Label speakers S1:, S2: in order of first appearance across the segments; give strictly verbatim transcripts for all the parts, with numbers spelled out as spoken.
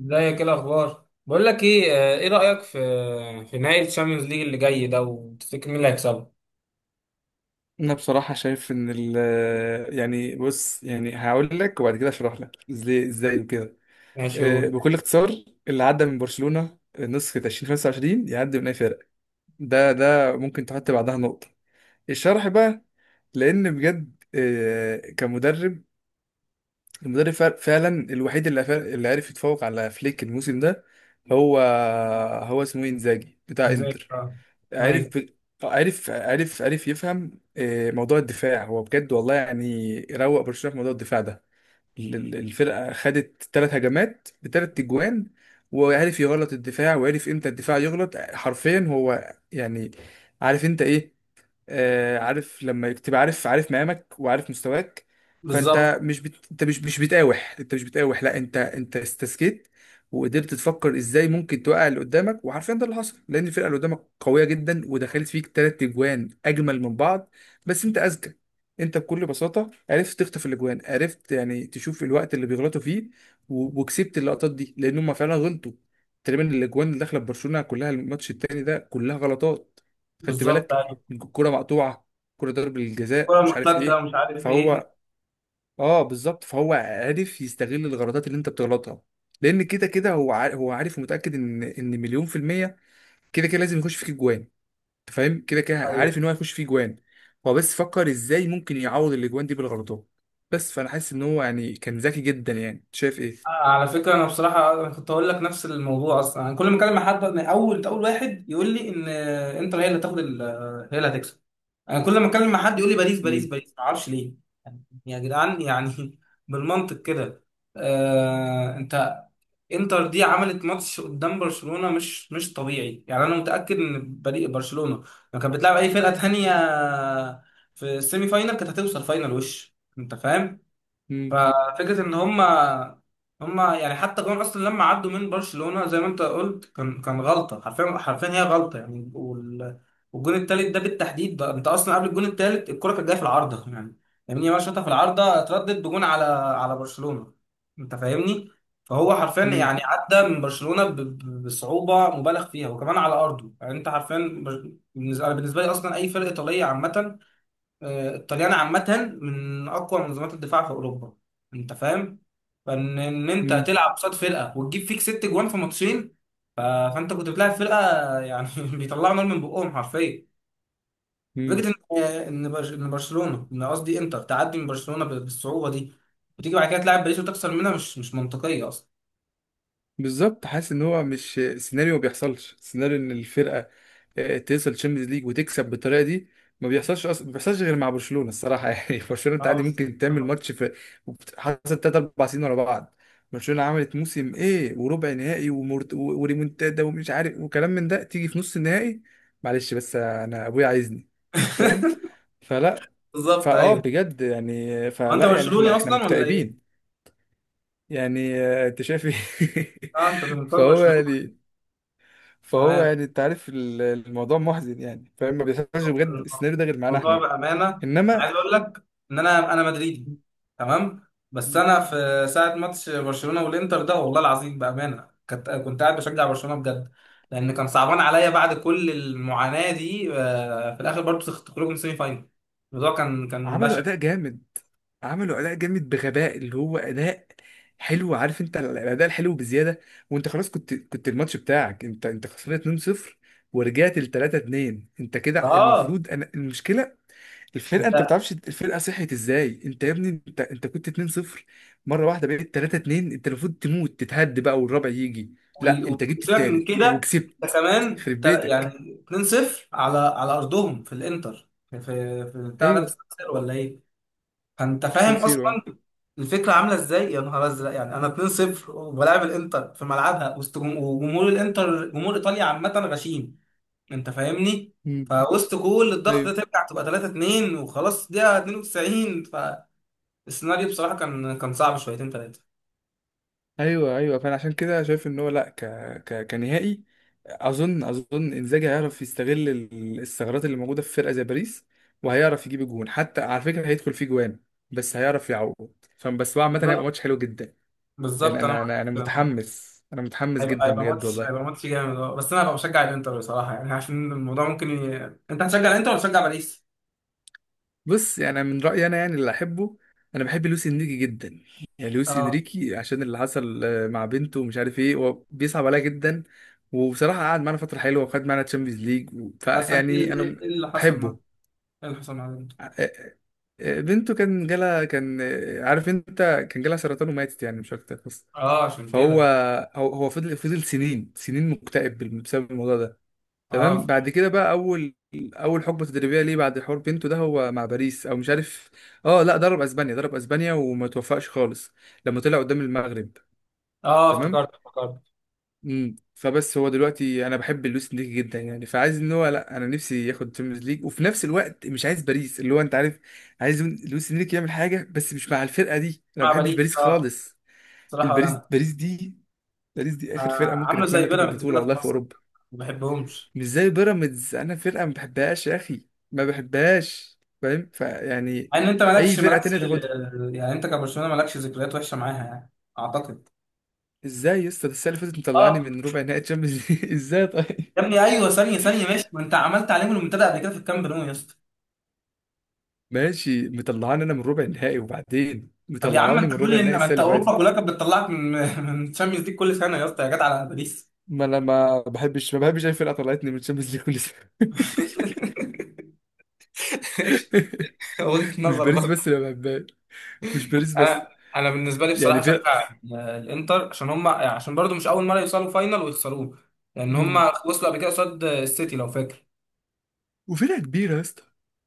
S1: ازيك؟ ايه الاخبار؟ بقول لك ايه. آه، ايه رايك في في نهائي الشامبيونز ليج اللي جاي ده؟ وتفتكر مين اللي هيكسبه؟
S2: انا بصراحه شايف ان ال يعني بص، يعني هقول لك وبعد كده اشرح لك ازاي ازاي وكده.
S1: ماشي
S2: آه،
S1: قول.
S2: بكل اختصار، اللي عدى من برشلونه نسخه ألفين وخمسة وعشرين يعدي من اي فرق. ده ده ممكن تحط بعدها نقطه. الشرح بقى، لان بجد آه، كمدرب، المدرب فع- فعلا الوحيد اللي فا- اللي عرف يتفوق على فليك الموسم ده. هو هو اسمه إيه؟ انزاجي بتاع
S1: زي
S2: انتر.
S1: كده.
S2: عارف
S1: ايوه.
S2: عارف عارف عارف يفهم آه، موضوع الدفاع. هو بجد والله، يعني روق برشلونة في موضوع الدفاع ده. ال- ال- الفرقة خدت ثلاث هجمات بثلاث تجوان. وعارف يغلط الدفاع، وعارف امتى الدفاع يغلط حرفيا. هو يعني عارف انت ايه. آه، عارف لما تبقى عارف عارف مقامك وعارف مستواك.
S1: بالظبط.
S2: فانت مش بت... انت مش مش بتقاوح، انت مش بتقاوح، لا، انت انت استسكت. وقدرت تفكر ازاي ممكن توقع اللي قدامك. وحرفيا ده اللي حصل، لان الفرقه اللي قدامك قويه جدا ودخلت فيك تلات اجوان اجمل من بعض. بس انت اذكى. انت بكل بساطه عرفت تخطف الاجوان، عرفت يعني تشوف الوقت اللي بيغلطوا فيه. و... وكسبت اللقطات دي لان هم فعلا غلطوا. تقريبا الاجوان اللي داخله ببرشلونه كلها الماتش التاني ده كلها غلطات. خدت
S1: بالظبط،
S2: بالك؟
S1: ايوه.
S2: الكرة مقطوعة، كرة ضرب الجزاء،
S1: الكوره
S2: مش عارف
S1: مرتده
S2: ايه.
S1: ومش عارف ايه.
S2: فهو اه بالظبط، فهو عارف يستغل الغلطات اللي انت بتغلطها. لان كده كده هو عارف، هو عارف ومتأكد ان ان مليون في المية كده كده لازم يخش فيك جوان. انت فاهم، كده كده
S1: ايوه.
S2: عارف ان هو هيخش فيه جوان. هو بس فكر ازاي ممكن يعوض الاجوان دي بالغلطات. بس فانا حاسس ان هو يعني كان ذكي جدا، يعني شايف ايه.
S1: آه، على فكره، انا بصراحه أنا كنت هقول لك نفس الموضوع اصلا. انا كل ما اكلم مع حد من اول اول واحد يقول لي ان آه، انتر هي اللي هتاخد ال- آه، هي اللي هتكسب. انا كل ما اتكلم مع حد يقول لي باريس باريس
S2: امم.
S1: باريس، ما اعرفش ليه. يعني يا جدعان يعني بالمنطق كده. آه انت، انتر دي عملت ماتش قدام برشلونة مش مش طبيعي يعني. انا متأكد ان فريق برشلونة لو كانت بتلعب اي فرقة تانية في السيمي فاينال كانت هتوصل فاينال، وش انت فاهم؟
S2: امم.
S1: ففكره ان هما هما يعني، حتى جون اصلا لما عدوا من برشلونه زي ما انت قلت كان كان غلطه، حرفيا حرفيا هي غلطه يعني. وال- والجون التالت ده بالتحديد، ده انت اصلا قبل الجون التالت الكره كانت جايه في العارضه يعني، لامين يامال شاطها في العارضه اتردد بجون على على برشلونه. انت فاهمني؟ فهو حرفيا
S2: امم.
S1: يعني عدى من برشلونه ب- ب- بصعوبه مبالغ فيها وكمان على ارضه يعني. انت حرفيا بر- بالنسبه بالنسبه لي اصلا اي فرقه ايطاليه عامه. آه، الطليان عامة من أقوى منظمات الدفاع في أوروبا. أنت فاهم؟ فإن إن أنت
S2: إمم.
S1: تلعب قصاد فرقة وتجيب فيك ست جوان في ماتشين، ف... فأنت كنت بتلعب فرقة يعني بيطلعوا نار من بقهم حرفيا.
S2: إمم.
S1: فكرة إن آه، إن برش- إن برشلونة، إن قصدي إنتر تعدي من برشلونة ب- بالصعوبة دي، وتيجي بعد كده تلعب باريس وتخسر منها، مش مش منطقية أصلا.
S2: بالظبط. حاسس ان هو مش سيناريو ما بيحصلش. سيناريو ان الفرقه آه، توصل تشامبيونز ليج وتكسب بالطريقه دي ما بيحصلش اصلا. ما بيحصلش غير مع برشلونه الصراحه يعني برشلونه انت
S1: اه،
S2: عادي
S1: بالظبط.
S2: ممكن تعمل ماتش في، وبت- حصل تلاتة اربعة سنين ورا بعض. برشلونه عملت موسم ايه، وربع نهائي ومرت... و- وريمونتادا ومش عارف وكلام من ده، تيجي في نص النهائي. معلش بس انا ابويا عايزني. فاهم. فلا.
S1: بالظبط،
S2: فاه
S1: أيوه.
S2: بجد يعني،
S1: هو أنت
S2: فلا يعني
S1: برشلوني
S2: احنا احنا
S1: أصلا ولا إيه؟
S2: مكتئبين. يعني آه، انت شايف ايه
S1: أه، أنت زملكاوي
S2: فهو
S1: برشلونة.
S2: يعني، فهو
S1: تمام،
S2: يعني انت عارف ال- الموضوع محزن. يعني فاهم، ما بيحصلش بجد السيناريو ده غير معانا
S1: الموضوع
S2: احنا.
S1: بأمانة. أنا
S2: انما
S1: عايز أقول لك إن أنا أنا مدريدي. تمام، بس أنا في ساعة ماتش برشلونة والإنتر ده والله العظيم بأمانة كنت كنت قاعد بشجع برشلونة بجد، لأن كان صعبان عليا بعد كل المعاناة دي آه، في الآخر برضه تخرجوا من سيمي فاينل. الموضوع كان كان
S2: عملوا
S1: بشع.
S2: اداء جامد. عملوا اداء جامد بغباء، اللي هو اداء حلو. عارف انت الاداء الحلو بزياده. وانت خلاص كنت كنت الماتش بتاعك، انت انت خسران اتنين لا شيء، ورجعت ل تلاته اتنين. انت كده
S1: اه.
S2: المفروض، انا المشكله الفرقه، انت ما
S1: ده-
S2: بتعرفش الفرقه صحيت ازاي. انت يا ابني، انت انت كنت اتنين صفر، مره واحده بقيت تلاته اتنين. انت المفروض تموت تتهد بقى والرابع يجي. لا،
S1: وال-
S2: انت جبت
S1: وسيبك من
S2: التالت
S1: كده. ده
S2: وكسبت.
S1: كمان
S2: خرب
S1: تا- يعني
S2: بيتك.
S1: اتنين صفر على على ارضهم في الانتر، في في في بتاع ده، في
S2: ايوه،
S1: السان سيرو ولا ايه؟ فانت فاهم
S2: سلسيرو
S1: اصلا
S2: اه.
S1: الفكره عامله ازاي، يا نهار ازرق يعني. انا اتنين صفر وبلاعب الانتر في ملعبها وسط جم- وجمهور الانتر، جمهور ايطاليا عامه غشيم، انت فاهمني.
S2: مم.
S1: فوسط كل الضغط ده
S2: ايوه،
S1: ترجع تبقى ثلاثة اثنين وخلاص دقيقه اتنين وتسعين، فالسيناريو بصراحه كان كان صعب شويتين ثلاثه.
S2: ايوه، ايوه. فانا عشان كده شايف ان هو، لا، ك... ك... كنهائي، اظن اظن انزاجي هيعرف يستغل ال- الثغرات اللي موجوده في فرقه زي باريس. وهيعرف يجيب جون، حتى على فكره هيدخل فيه جوان بس هيعرف يعوض. فبس هو عامه هيبقى ماتش حلو جدا. يعني
S1: بالظبط انا
S2: انا
S1: معاك.
S2: انا انا
S1: معاك.
S2: متحمس، انا متحمس
S1: هيبقى
S2: جدا
S1: هيبقى
S2: بجد
S1: ماتش هيبقى
S2: والله.
S1: ماتش جامد، اه. بس انا هبقى بشجع الانتر بصراحه يعني عشان الموضوع ممكن ي... انت هتشجع الانتر ولا تشجع باريس؟
S2: بص، يعني أنا من رايي انا، يعني اللي احبه، انا بحب لويس انريكي جدا. يعني لويس
S1: اه،
S2: انريكي عشان اللي حصل آه، مع بنته، ومش عارف ايه، هو بيصعب عليا جدا. وبصراحه قعد معانا فتره حلوه وخد معانا تشامبيونز ليج،
S1: بس ايه
S2: فيعني
S1: إيه- إيه
S2: انا
S1: اللي حصل مع
S2: بحبه.
S1: ايه اللي حصل مع؟
S2: آه، آه، آه، بنته كان جالها، كان آه، عارف انت، كان جالها سرطان وماتت، يعني مش اكتر بس.
S1: اه، عشان
S2: فهو
S1: كده.
S2: هو هو فضل فضل سنين سنين مكتئب بسبب الموضوع ده. تمام.
S1: اه
S2: بعد كده بقى اول اول حقبه تدريبيه ليه بعد حوار بينتو ده، هو مع باريس او مش عارف. اه، لا، ضرب اسبانيا، ضرب اسبانيا وما توفقش خالص لما طلع قدام المغرب.
S1: اه.
S2: تمام.
S1: افتكرت، افتكرت.
S2: امم فبس هو دلوقتي انا بحب لويس انريكي جدا. يعني فعايز ان هو، لا، انا نفسي ياخد تشامبيونز ليج وفي نفس الوقت مش عايز باريس، اللي هو انت عارف. عايز لويس انريكي يعمل حاجه بس مش مع الفرقه دي. انا ما
S1: مع
S2: بحبش
S1: باريس،
S2: باريس
S1: اه.
S2: خالص.
S1: بصراحه، ولا
S2: الباريس
S1: انا.
S2: باريس دي، باريس دي اخر فرقه
S1: آه
S2: ممكن
S1: عامله زي
S2: اتمنى تاخد
S1: بيراميدز
S2: بطوله
S1: كده في
S2: والله في
S1: مصر،
S2: اوروبا.
S1: ما بحبهمش.
S2: مش زي بيراميدز، انا فرقه ما بحبهاش يا اخي، ما بحبهاش، فاهم؟ فيعني
S1: مع ان انت
S2: اي
S1: مالكش
S2: فرقه تانية
S1: مالكش
S2: تاخدها.
S1: يعني انت كبرشلونه مالكش ذكريات وحشه معاها يعني، اعتقد.
S2: ازاي يا اسطى؟ ده السنه اللي فاتت مطلعني
S1: اه،
S2: من ربع نهائي تشامبيونز ليج ازاي طيب.
S1: يا ابني ايوه، ثانيه ثانيه. ماشي، ما انت عملت عليهم المنتدى قبل كده في الكامب نو يا اسطى.
S2: ماشي مطلعاني انا من ربع النهائي، وبعدين
S1: طب يا عم
S2: مطلعاني
S1: انت،
S2: من ربع
S1: كل
S2: النهائي
S1: ما
S2: السنه
S1: انت
S2: اللي
S1: اوروبا كلها
S2: فاتت.
S1: كانت بتطلعك من من تشامبيونز ليج كل سنه يا اسطى، يا جدع على باريس.
S2: ما انا ما بحبش ما بحبش اي فرقه طلعتني من تشامبيونز ليج كل سنه
S1: وجهه
S2: مش باريس
S1: نظر.
S2: بس اللي ما بحبهاش. مش باريس بس.
S1: انا انا بالنسبه لي بصراحه
S2: يعني
S1: اشجع
S2: فرق.
S1: الانتر عشان هم، يعني عشان برضو مش اول مره يوصلوا فاينل ويخسروه، لان هم
S2: مم.
S1: وصلوا قبل كده قصاد السيتي لو فاكر.
S2: وفرقه كبيره يا اسطى.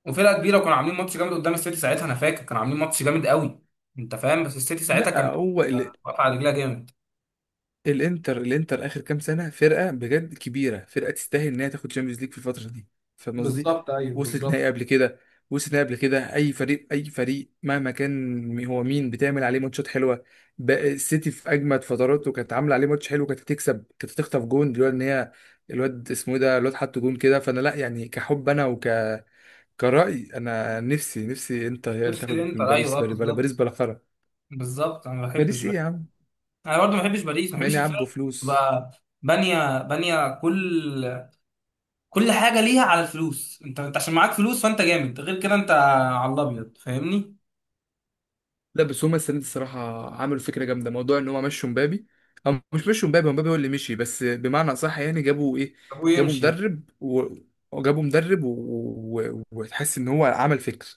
S1: وفرقه كبيره، وكانوا عاملين ماتش جامد قدام السيتي ساعتها، انا فاكر كانوا عاملين ماتش جامد قوي. انت فاهم، بس السيتي ساعتها
S2: لا
S1: كان
S2: هو،
S1: آه، واقف على رجلها جامد.
S2: الانتر الانتر اخر كام سنه فرقه بجد كبيره، فرقه تستاهل ان هي تاخد تشامبيونز ليج في الفتره دي. فاهم قصدي؟
S1: بالظبط ايوه
S2: وصلت
S1: بالظبط.
S2: نهائي قبل كده. وصلت نهائي قبل كده. اي فريق اي فريق مهما كان هو مين، بتعمل عليه ماتشات حلوه. بقى السيتي في اجمد فتراته كانت عامله عليه ماتش حلو، كانت هتكسب، كانت هتخطف جون دلوقتي، ان هي الواد اسمه إيه ده، الواد حط جون كده. فانا، لا يعني كحب انا وك كرأي انا، نفسي نفسي انتر هي اللي
S1: نفس
S2: تاخد من
S1: الانتر
S2: باريس.
S1: ايوه اه
S2: باريس بلا، باريس
S1: بالظبط.
S2: بلا خرا.
S1: بالظبط، انا ما بحبش
S2: باريس ايه
S1: باريس.
S2: يا عم؟
S1: انا برضو ما بحبش باريس، ما بحبش
S2: ماني عبوا
S1: الفرق.
S2: فلوس.
S1: تبقى بانيه بانيه كل كل حاجه ليها على الفلوس. انت انت عشان معاك فلوس فانت جامد، غير كده انت على الابيض، فاهمني؟
S2: لا بس هما السنه دي الصراحه عملوا فكره جامده، موضوع ان هما مشوا مبابي. او مش مشوا مبابي، هو مبابي هو اللي مشي، بس بمعنى اصح يعني، جابوا ايه،
S1: ابوه
S2: جابوا
S1: يمشي يلا.
S2: مدرب و... وجابوا مدرب و... و... وتحس ان هو عمل فكر.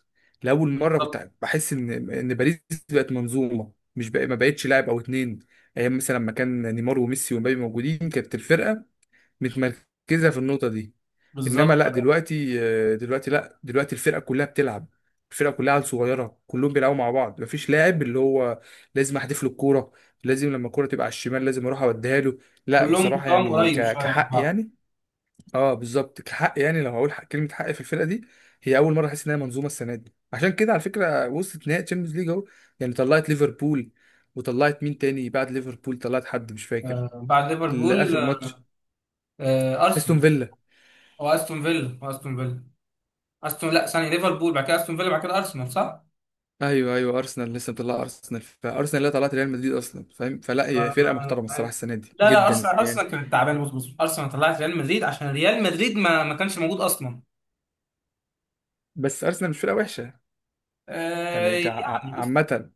S2: لاول مره
S1: بالظبط.
S2: كنت بحس ان ان باريس بقت منظومه، مش بقى... ما بقتش لاعب او اتنين. ايام مثلا لما كان نيمار وميسي ومبابي موجودين كانت الفرقه متمركزه في النقطه دي. انما
S1: بالظبط.
S2: لا دلوقتي، دلوقتي لا دلوقتي الفرقه كلها بتلعب. الفرقه كلها عيال صغيره كلهم بيلعبوا مع بعض. مفيش لاعب اللي هو لازم احدف له الكوره، لازم لما الكوره تبقى على الشمال لازم اروح اوديها له. لا
S1: كلهم
S2: بصراحه
S1: طبعا
S2: يعني
S1: قريب
S2: ك-
S1: شويه من
S2: كحق
S1: بعض.
S2: يعني، اه بالظبط، كحق يعني لو هقول حق كلمه حق في الفرقه دي، هي اول مره احس انها منظومه السنه دي. عشان كده على فكره وصلت نهائي تشامبيونز ليج اهو. يعني طلعت ليفربول، وطلعت مين تاني بعد ليفربول؟ طلعت حد مش فاكر،
S1: آه، بعد ليفربول.
S2: الاخر ماتش،
S1: آه،
S2: استون
S1: ارسنال.
S2: فيلا.
S1: او استون فيلا، أو استون فيلا. استون لا، ثانيه ليفربول، بعد كده استون فيلا، بعد كده ارسنال، صح؟
S2: ايوه، ايوه، ارسنال. لسه مطلع ارسنال. فارسنال اللي طلعت ريال مدريد اصلا، فاهم. فلا هي فرقه
S1: آه،
S2: محترمه الصراحه
S1: عارف.
S2: السنه دي
S1: لا لا،
S2: جدا
S1: ارسنال
S2: يعني.
S1: ارسنال كانت تعبانه. بص بص، ارسنال طلعت ريال مدريد عشان ريال مدريد ما ما كانش موجود اصلا.
S2: بس ارسنال مش فرقه وحشه،
S1: آه،
S2: يعني كع-
S1: يعني،
S2: ع- عامه.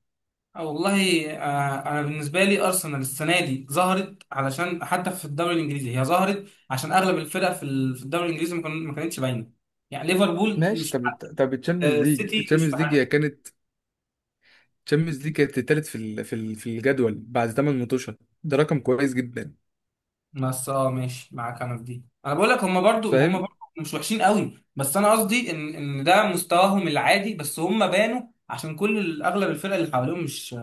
S1: آه، والله آه، انا بالنسبه لي ارسنال السنه دي ظهرت علشان حتى في الدوري الانجليزي هي ظهرت عشان اغلب الفرق في ال- في الدوري الانجليزي ما كان- ما كانتش باينه، يعني ليفربول
S2: ماشي.
S1: مش في
S2: طب
S1: حق-
S2: طب التشامبيونز
S1: آه،
S2: ليج،
S1: السيتي مش في
S2: التشامبيونز ليج هي
S1: حقها.
S2: كانت، التشامبيونز ليج كانت التالت في ال- في ال- في الجدول بعد تمانية ماتشات. ده رقم كويس جدا،
S1: بس اه ماشي معاك انا في دي، انا بقول لك هم برضو هم
S2: فاهم.
S1: برضو مش وحشين قوي، بس انا قصدي ان ان ده مستواهم العادي، بس هم بانوا عشان كل ال- اغلب الفرق اللي حواليهم مش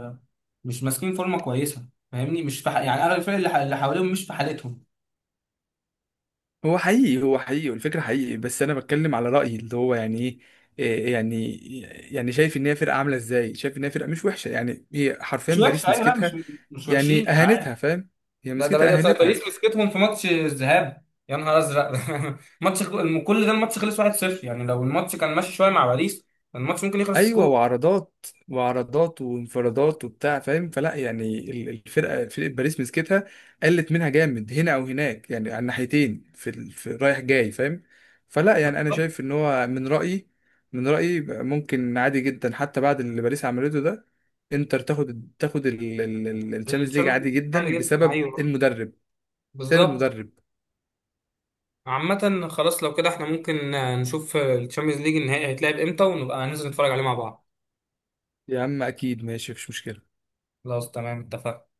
S1: مش ماسكين فورمه كويسه، فاهمني؟ مش في ح- يعني اغلب الفرق اللي ح- اللي حواليهم مش في حالتهم.
S2: هو حقيقي هو حقيقي، والفكره حقيقي، بس انا بتكلم على رايي اللي هو يعني ايه. إيه يعني. يعني شايف ان هي فرقه عامله ازاي، شايف ان هي فرقه مش وحشه. يعني هي حرفيا
S1: مش وحشه
S2: باريس
S1: ايوه، لا مش
S2: مسكتها
S1: مش وحشين.
S2: يعني اهانتها، فاهم؟ هي
S1: ده ده
S2: مسكتها
S1: باريس
S2: اهانتها.
S1: باريس مسكتهم في ماتش الذهاب، يا نهار ازرق ماتش الخ- كل ده الماتش خلص واحد صفر يعني، لو الماتش كان ماشي شويه مع باريس كان الماتش ممكن يخلص
S2: ايوه،
S1: سكور.
S2: وعرضات وعرضات وانفرادات وبتاع، فاهم. فلا يعني ال- الفرقه، فرقه باريس مسكتها، قلت منها جامد هنا او هناك يعني على الناحيتين في ال- في رايح جاي، فاهم. فلا يعني انا شايف ان هو، من رايي، من رايي ممكن عادي جدا حتى بعد اللي باريس عملته ده، انتر تاخد تاخد الشامpiونز ليج
S1: الشامبيونز
S2: عادي
S1: ليج سهل
S2: جدا
S1: جدا،
S2: بسبب
S1: ايوه،
S2: المدرب، بسبب
S1: بالظبط.
S2: المدرب.
S1: عامة خلاص، لو كده احنا ممكن نشوف الشامبيونز ليج النهائي هيتلعب امتى ونبقى ننزل نتفرج عليه مع بعض.
S2: يا عم اكيد، ماشي، مفيش مشكله.
S1: خلاص تمام اتفقنا.